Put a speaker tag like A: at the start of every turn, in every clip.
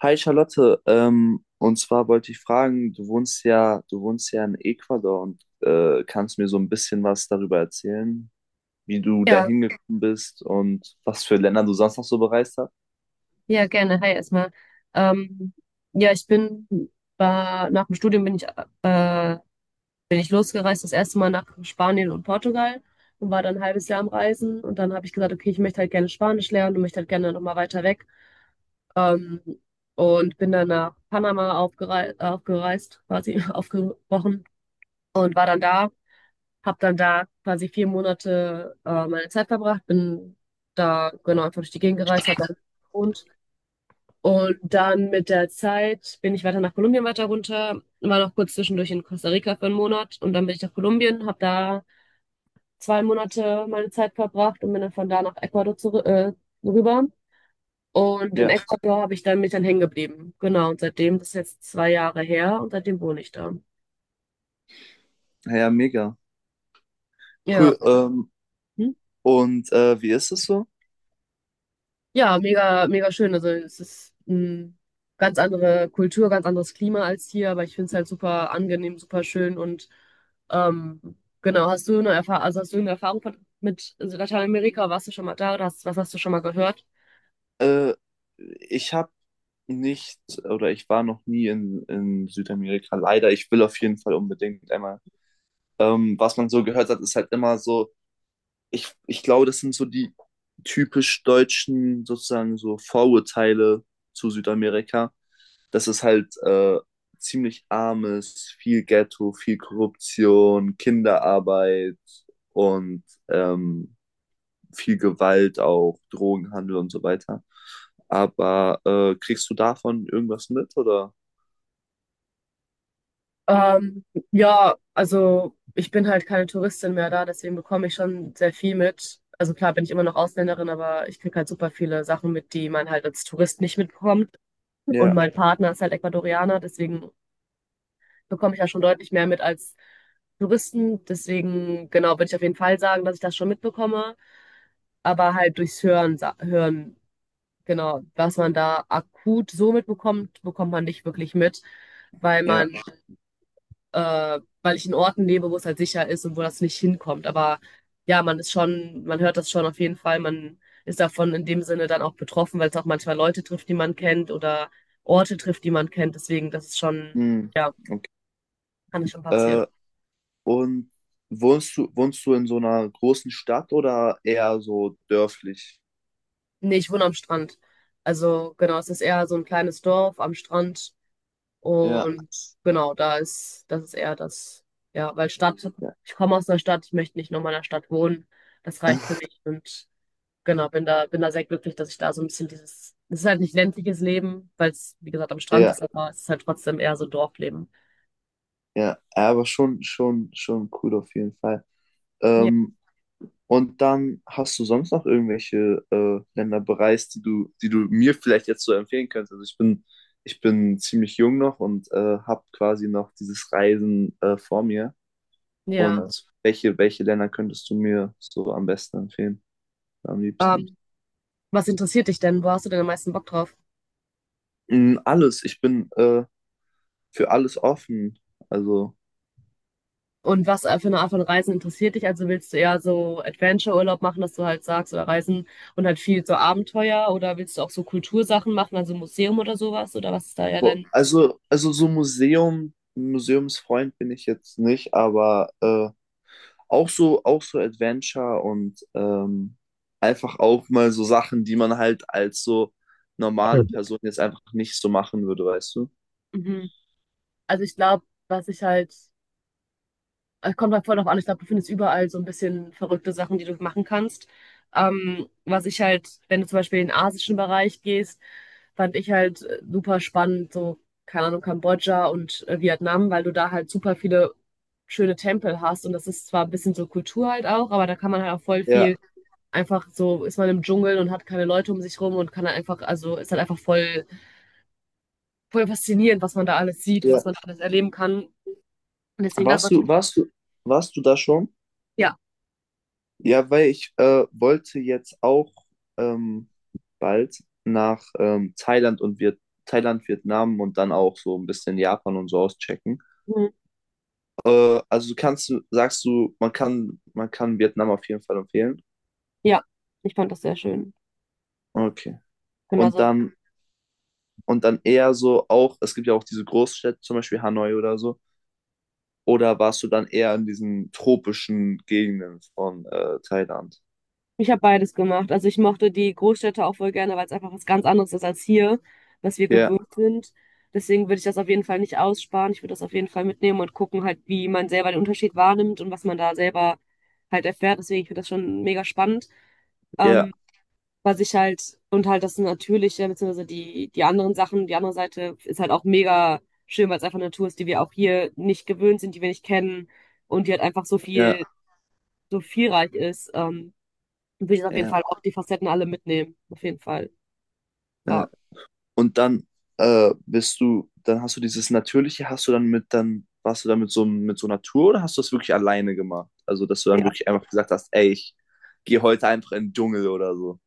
A: Hi Charlotte, und zwar wollte ich fragen, du wohnst ja in Ecuador und kannst mir so ein bisschen was darüber erzählen, wie du da
B: Ja,
A: hingekommen bist und was für Länder du sonst noch so bereist hast?
B: ja, gerne. Hi erstmal. Ähm, ja, nach dem Studium äh, bin ich losgereist, das erste Mal nach Spanien und Portugal und war dann ein halbes Jahr am Reisen und dann habe ich gesagt, okay, ich möchte halt gerne Spanisch lernen und möchte halt gerne nochmal weiter weg. Ähm, und bin dann nach Panama quasi aufgebrochen und war dann da, habe dann da quasi vier Monate meine Zeit verbracht, bin da genau einfach durch die Gegend gereist, habe da gewohnt. Und dann mit der Zeit bin ich weiter nach Kolumbien weiter runter, war noch kurz zwischendurch in Costa Rica für einen Monat und dann bin ich nach Kolumbien, habe da zwei Monate meine Zeit verbracht und bin dann von da nach Ecuador zurück, rüber. Und in
A: Ja,
B: Ecuador habe ich dann mich dann hängen geblieben. Genau, und seitdem, das ist jetzt zwei Jahre her und seitdem wohne ich da.
A: ja, mega.
B: Ja.
A: Cool. Ähm,
B: Hm?
A: und wie ist es so?
B: Ja, mega, mega schön. Also es ist eine ganz andere Kultur, ganz anderes Klima als hier, aber ich finde es halt super angenehm, super schön und ähm, genau, hast du eine Erfahrung, also hast du eine Erfahrung mit Lateinamerika? Warst du schon mal da oder was hast du schon mal gehört?
A: Äh, ich habe nicht, oder ich war noch nie in Südamerika, leider. Ich will auf jeden Fall unbedingt einmal. Was man so gehört hat, ist halt immer so, ich glaube, das sind so die typisch deutschen sozusagen so Vorurteile zu Südamerika, dass es halt ziemlich arm ist, viel Ghetto, viel Korruption, Kinderarbeit und viel Gewalt auch, Drogenhandel und so weiter. Aber kriegst du davon irgendwas mit oder?
B: Ähm, ja, also ich bin halt keine Touristin mehr da, deswegen bekomme ich schon sehr viel mit. Also klar bin ich immer noch Ausländerin, aber ich kriege halt super viele Sachen mit, die man halt als Tourist nicht mitbekommt. Und
A: Ja,
B: mein Partner ist halt Ecuadorianer, deswegen bekomme ich ja schon deutlich mehr mit als Touristen. Deswegen, genau, würde ich auf jeden Fall sagen, dass ich das schon mitbekomme. Aber halt durchs Hören, hören, genau, was man da akut so mitbekommt, bekommt man nicht wirklich mit, weil
A: ja.
B: man, weil ich in Orten lebe, wo es halt sicher ist und wo das nicht hinkommt. Aber ja, man hört das schon auf jeden Fall. Man ist davon in dem Sinne dann auch betroffen, weil es auch manchmal Leute trifft, die man kennt oder Orte trifft, die man kennt. Deswegen, das ist schon,
A: Hm,
B: ja,
A: okay.
B: kann es schon passieren.
A: Äh, Und wohnst du in so einer großen Stadt oder eher so dörflich?
B: Nee, ich wohne am Strand. Also genau, es ist eher so ein kleines Dorf am Strand
A: Ja,
B: und genau, das ist eher das, ja,
A: ja,
B: ich komme aus einer Stadt, ich möchte nicht nochmal in einer Stadt wohnen. Das reicht für mich und genau, bin da sehr glücklich, dass ich da so ein bisschen es ist halt nicht ländliches Leben, weil es, wie gesagt, am Strand
A: ja,
B: ist, aber es ist halt trotzdem eher so Dorfleben.
A: ja. Aber schon, schon, schon cool auf jeden Fall.
B: Ja.
A: Ähm, und dann hast du sonst noch irgendwelche Länder bereist, die du mir vielleicht jetzt so empfehlen könntest? Also ich bin ziemlich jung noch und habe quasi noch dieses Reisen vor mir.
B: Ja.
A: Und welche Länder könntest du mir so am besten empfehlen, am liebsten?
B: Ähm, Was interessiert dich denn? Wo hast du denn am meisten Bock drauf?
A: Alles. Ich bin für alles offen. Also,
B: Und was für eine Art von Reisen interessiert dich? Also willst du eher so Adventure-Urlaub machen, dass du halt sagst, oder Reisen und halt viel so Abenteuer? Oder willst du auch so Kultursachen machen, also Museum oder sowas? Oder was ist da eher
A: wo-
B: dein.
A: also, also so Museum, Museumsfreund bin ich jetzt nicht, aber auch so Adventure und einfach auch mal so Sachen, die man halt als so normale Person jetzt einfach nicht so machen würde, weißt du?
B: Mhm. Also ich glaube, was ich halt es kommt halt voll drauf an. Ich glaube, du findest überall so ein bisschen verrückte Sachen, die du machen kannst. Wenn du zum Beispiel in den asischen Bereich gehst, fand ich halt super spannend, so, keine Ahnung, Kambodscha und Vietnam, weil du da halt super viele schöne Tempel hast. Und das ist zwar ein bisschen so Kultur halt auch, aber da kann man halt auch voll
A: Ja,
B: viel einfach so, ist man im Dschungel und hat keine Leute um sich rum und kann halt einfach, also ist halt einfach voll, voll faszinierend, was man da alles sieht und was
A: ja.
B: man da alles erleben kann. Und deswegen das
A: Warst du,
B: natürlich,
A: warst du, warst du da schon?
B: ja.
A: Ja, weil ich wollte jetzt auch ähm, bald nach Thailand, Vietnam und dann auch so ein bisschen Japan und so auschecken. Also sagst du, man kann Vietnam auf jeden Fall empfehlen?
B: Ja, ich fand das sehr schön.
A: Okay.
B: Genau,
A: Und
B: also
A: dann, und dann eher so auch, es gibt ja auch diese Großstädte, zum Beispiel Hanoi oder so. Oder warst du dann eher in diesen tropischen Gegenden von Thailand?
B: ich habe beides gemacht. Also ich mochte die Großstädte auch voll gerne, weil es einfach was ganz anderes ist als hier, was wir
A: Ja,
B: gewohnt sind. Deswegen würde ich das auf jeden Fall nicht aussparen. Ich würde das auf jeden Fall mitnehmen und gucken halt, wie man selber den Unterschied wahrnimmt und was man da selber halt erfährt. Deswegen, ich finde das schon mega spannend.
A: ja,
B: Ähm, und halt das Natürliche, beziehungsweise die anderen Sachen, die andere Seite ist halt auch mega schön, weil es einfach eine Natur ist, die wir auch hier nicht gewöhnt sind, die wir nicht kennen und die halt einfach so viel
A: ja,
B: so vielreich ist, will ich auf jeden
A: ja,
B: Fall auch die Facetten alle mitnehmen. Auf jeden Fall. Ja.
A: ja. Und dann dann hast du dieses Natürliche, hast du dann mit, dann warst du dann mit so einer Tour oder hast du das wirklich alleine gemacht? Also, dass du dann
B: Ja.
A: wirklich einfach gesagt hast, ey, ich gehe heute einfach in den Dschungel oder so.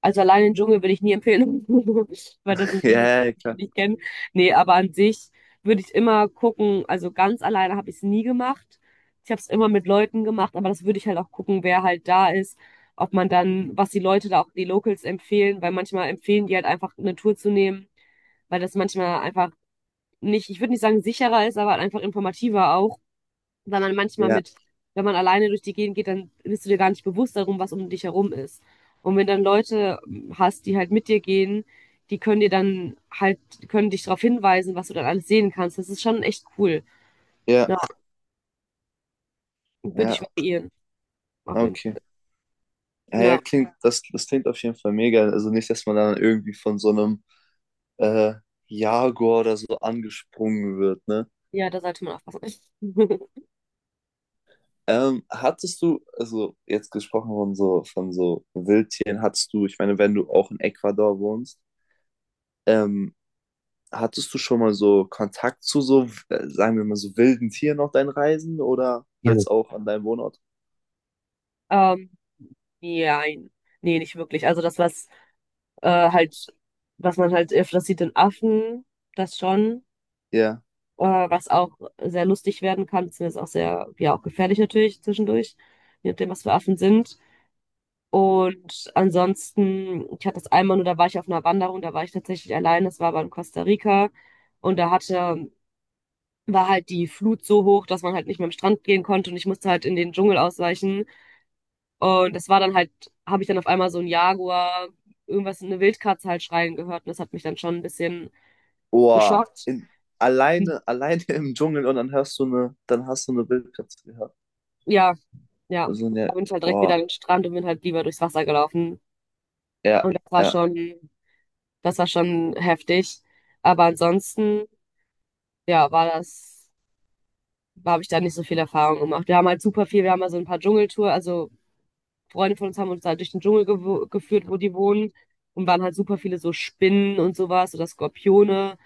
B: Also allein den Dschungel würde ich nie empfehlen, weil das ein Leben, das
A: Ja, ja,
B: ich
A: klar.
B: nicht kenne. Nee, aber an sich würde ich immer gucken, also ganz alleine habe ich es nie gemacht. Ich habe es immer mit Leuten gemacht, aber das würde ich halt auch gucken, wer halt da ist, ob man dann, was die Leute da auch, die Locals empfehlen, weil manchmal empfehlen die halt einfach eine Tour zu nehmen, weil das manchmal einfach nicht, ich würde nicht sagen sicherer ist, aber halt einfach informativer auch. Weil man manchmal
A: Ja,
B: mit, wenn man alleine durch die Gegend geht, dann bist du dir gar nicht bewusst darum, was um dich herum ist. Und wenn dann Leute hast, die halt mit dir gehen, die können dir dann halt, können dich darauf hinweisen, was du dann alles sehen kannst. Das ist schon echt cool.
A: ja,
B: Ja, würde ich
A: ja,
B: variieren, auf jeden
A: okay.
B: Fall.
A: Ja, ja,
B: Ja,
A: das klingt auf jeden Fall mega. Also nicht, dass man dann irgendwie von so einem äh, Jaguar oder so angesprungen wird, ne?
B: ja, da sollte man aufpassen.
A: Hattest du, also jetzt gesprochen von so, Wildtieren, hattest du, ich meine, wenn du auch in Ecuador wohnst, Ähm, hattest du schon mal so Kontakt zu so, sagen wir mal, so wilden Tieren auf deinen Reisen oder jetzt auch an deinem Wohnort?
B: Ähm, nein. Nee, nicht wirklich. Also das, was halt, was man halt öfters sieht in Affen, das schon.
A: Ja.
B: äh, was auch sehr lustig werden kann, beziehungsweise auch sehr, ja, auch gefährlich natürlich zwischendurch, je nachdem, was für Affen sind. Und ansonsten, ich hatte das einmal nur, da war ich auf einer Wanderung, da war ich tatsächlich allein, das war aber in Costa Rica und war halt die Flut so hoch, dass man halt nicht mehr am Strand gehen konnte und ich musste halt in den Dschungel ausweichen. Und das war dann halt, habe ich dann auf einmal so ein Jaguar, irgendwas, eine Wildkatze halt schreien gehört und das hat mich dann schon ein bisschen
A: Boah,
B: geschockt. Hm,
A: alleine, alleine im Dschungel und dann dann hast du eine Wildkatze gehört.
B: ja, ja,
A: Also
B: da
A: eine,
B: bin ich halt direkt wieder an
A: boah,
B: den Strand und bin halt lieber durchs Wasser gelaufen.
A: ja,
B: Und
A: ja,
B: das war schon heftig. Aber ansonsten, ja, habe ich da nicht so viel Erfahrung gemacht. Wir haben halt super viel, wir haben mal so ein paar Dschungeltour, also Freunde von uns haben uns halt durch den Dschungel geführt, wo die wohnen. Und waren halt super viele so Spinnen und sowas oder Skorpione,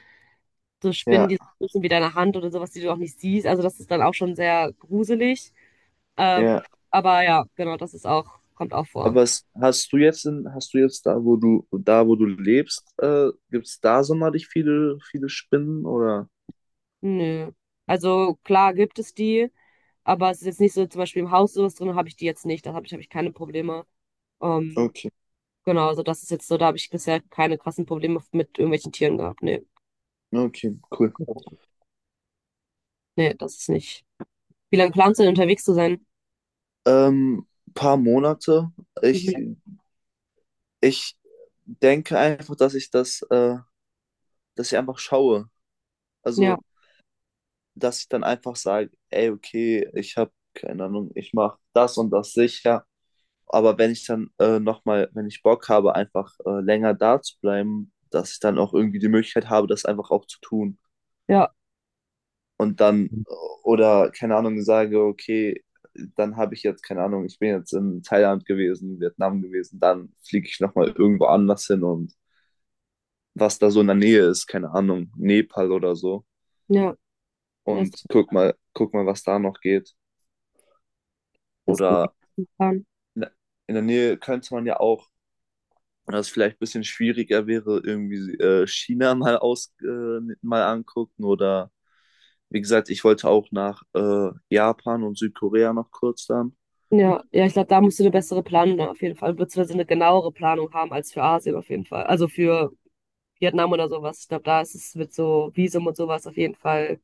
B: so Spinnen,
A: ja,
B: die so groß sind wie deine Hand oder sowas, die du auch nicht siehst. Also das ist dann auch schon sehr gruselig. Ähm,
A: ja.
B: aber ja, genau, das ist auch, kommt auch vor.
A: Aber hast du jetzt da, wo du lebst, gibt es da sonderlich viele, viele Spinnen oder?
B: Nö. Also klar gibt es die, aber es ist jetzt nicht so, zum Beispiel im Haus sowas drin habe ich die jetzt nicht. Da hab ich keine Probleme. Ähm,
A: Okay,
B: genau, also das ist jetzt so, da habe ich bisher keine krassen Probleme mit irgendwelchen Tieren gehabt. Nee.
A: okay, cool.
B: Nee, das ist nicht. Wie lange planst du denn unterwegs zu sein?
A: Ähm, paar Monate. Ich
B: Mhm.
A: Ich denke einfach, dass ich einfach schaue.
B: Ja,
A: Also, dass ich dann einfach sage, ey, okay, ich habe keine Ahnung, ich mache das und das sicher. Aber wenn ich dann nochmal, wenn ich Bock habe, einfach länger da zu bleiben, dass ich dann auch irgendwie die Möglichkeit habe, das einfach auch zu tun.
B: ja,
A: Und dann, oder keine Ahnung, sage, okay, dann habe ich jetzt, keine Ahnung, ich bin jetzt in Thailand gewesen, Vietnam gewesen, dann fliege ich nochmal irgendwo anders hin und was da so in der Nähe ist, keine Ahnung, Nepal oder so.
B: ja. Das,
A: Und guck mal, was da noch geht.
B: das ging
A: Oder
B: gut plan.
A: in der- in der Nähe könnte man ja auch, was vielleicht ein bisschen schwieriger wäre, irgendwie China mal angucken. Oder wie gesagt, ich wollte auch nach Japan und Südkorea noch kurz dann.
B: Ja, ja, ich glaube, da musst du eine bessere Planung ne, auf jeden Fall, beziehungsweise eine genauere Planung haben als für Asien auf jeden Fall. Also für Vietnam oder sowas. Ich glaube, da ist es mit so Visum und sowas auf jeden Fall.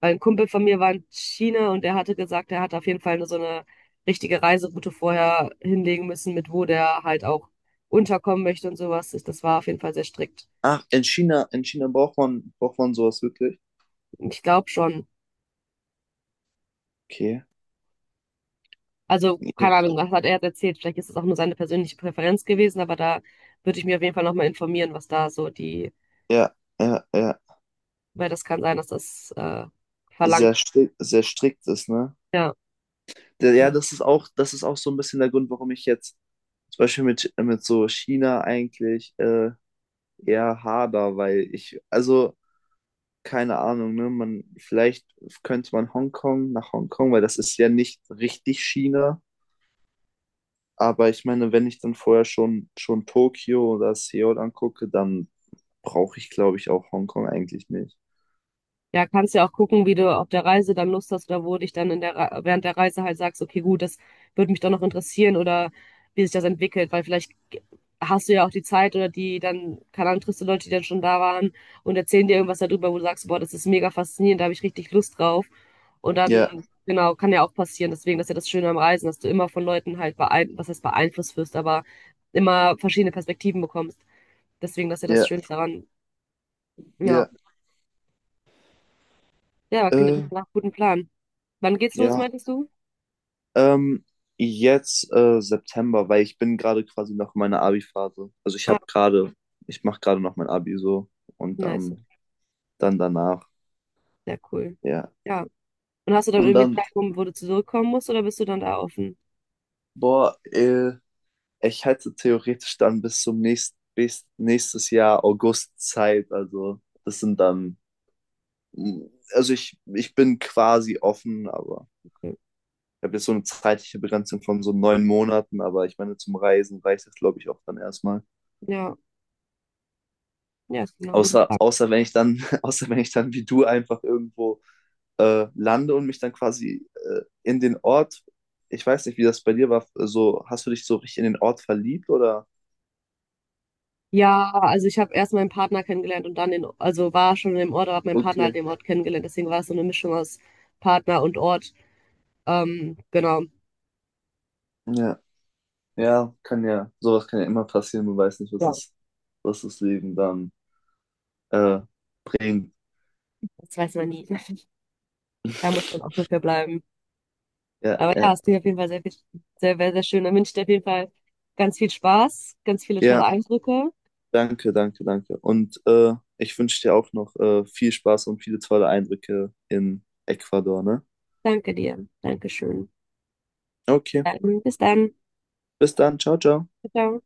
B: Weil ein Kumpel von mir war in China und der hatte gesagt, er hat auf jeden Fall so eine richtige Reiseroute vorher hinlegen müssen, mit wo der halt auch unterkommen möchte und sowas. Das war auf jeden Fall sehr strikt.
A: Ach, in China braucht man sowas wirklich?
B: Ich glaube schon.
A: Okay.
B: Also, keine
A: Ja,
B: Ahnung, was hat er erzählt? Vielleicht ist es auch nur seine persönliche Präferenz gewesen, aber da würde ich mir auf jeden Fall nochmal informieren, was da so die,
A: ja, ja, ja.
B: weil das kann sein, dass das verlangt.
A: Sehr strikt ist, ne?
B: Ja.
A: Ja, das ist auch so ein bisschen der Grund, warum ich jetzt zum Beispiel mit so China eigentlich eher hader, weil ich, also keine Ahnung, ne, man, vielleicht könnte man Hongkong nach Hongkong, weil das ist ja nicht richtig China, aber ich meine, wenn ich dann vorher schon Tokio oder Seoul angucke, dann brauche ich, glaube ich, auch Hongkong eigentlich nicht.
B: Ja, kannst ja auch gucken, wie du auf der Reise dann Lust hast oder wo dich dann während der Reise halt sagst, okay, gut, das würde mich doch noch interessieren oder wie sich das entwickelt, weil vielleicht hast du ja auch die Zeit oder die dann, keine Ahnung, triffst du Leute, die dann schon da waren und erzählen dir irgendwas darüber, wo du sagst, boah, das ist mega faszinierend, da habe ich richtig Lust drauf. Und
A: Ja,
B: dann, genau, kann ja auch passieren. Deswegen, das ist ja das Schöne am Reisen, dass du immer von Leuten halt was heißt beeinflusst wirst, aber immer verschiedene Perspektiven bekommst. Deswegen, das ist ja das
A: ja,
B: Schönste daran. Ja.
A: ja,
B: Ja, aber klingt auf
A: äh,
B: jeden Fall nach einem guten Plan. Wann geht's los,
A: ja.
B: meintest du?
A: Ähm, jetzt September, weil ich bin gerade quasi noch in meiner Abi-Phase. Also
B: Ah,
A: ich mache gerade noch mein Abi so und
B: nice.
A: dann, dann danach,
B: Sehr cool.
A: ja.
B: Ja. Und hast du dann
A: Und
B: irgendwie
A: dann,
B: einen Zeitraum, wo du zurückkommen musst, oder bist du dann da offen?
A: boah, ich hätte theoretisch dann bis nächstes Jahr August Zeit. Also das sind dann, mm, also ich bin quasi offen, aber
B: Okay.
A: ich habe jetzt so eine zeitliche Begrenzung von so 9 Monaten, aber ich meine, zum Reisen reicht das, glaube ich, auch dann erstmal.
B: Ja, ja, es klingt nach einem guten
A: Außer,
B: Plan.
A: außer wenn ich dann, außer wenn ich dann wie du einfach irgendwo lande und mich dann quasi in den Ort, ich weiß nicht, wie das bei dir war, so, hast du dich so richtig in den Ort verliebt oder?
B: Ja, also ich habe erst meinen Partner kennengelernt und dann also war schon im Ort, aber habe meinen Partner halt
A: Okay,
B: den Ort kennengelernt. Deswegen war es so eine Mischung aus Partner und Ort. Genau.
A: ja, ja, kann ja, sowas kann ja immer passieren, man weiß nicht,
B: Ja,
A: was das Leben dann äh, bringt.
B: das weiß man nie. Da muss man auch dafür bleiben.
A: Ja,
B: Aber ja,
A: ja,
B: es klingt auf jeden Fall sehr, sehr, sehr, sehr schön. Dann wünsche ich dir auf jeden Fall ganz viel Spaß, ganz viele tolle
A: ja,
B: Eindrücke.
A: danke, danke, danke. Und ich wünsche dir auch noch viel Spaß und viele tolle Eindrücke in Ecuador, ne?
B: Danke dir. Dankeschön.
A: Okay,
B: Dann, bis dann.
A: bis dann, ciao, ciao.
B: Ciao. Ciao.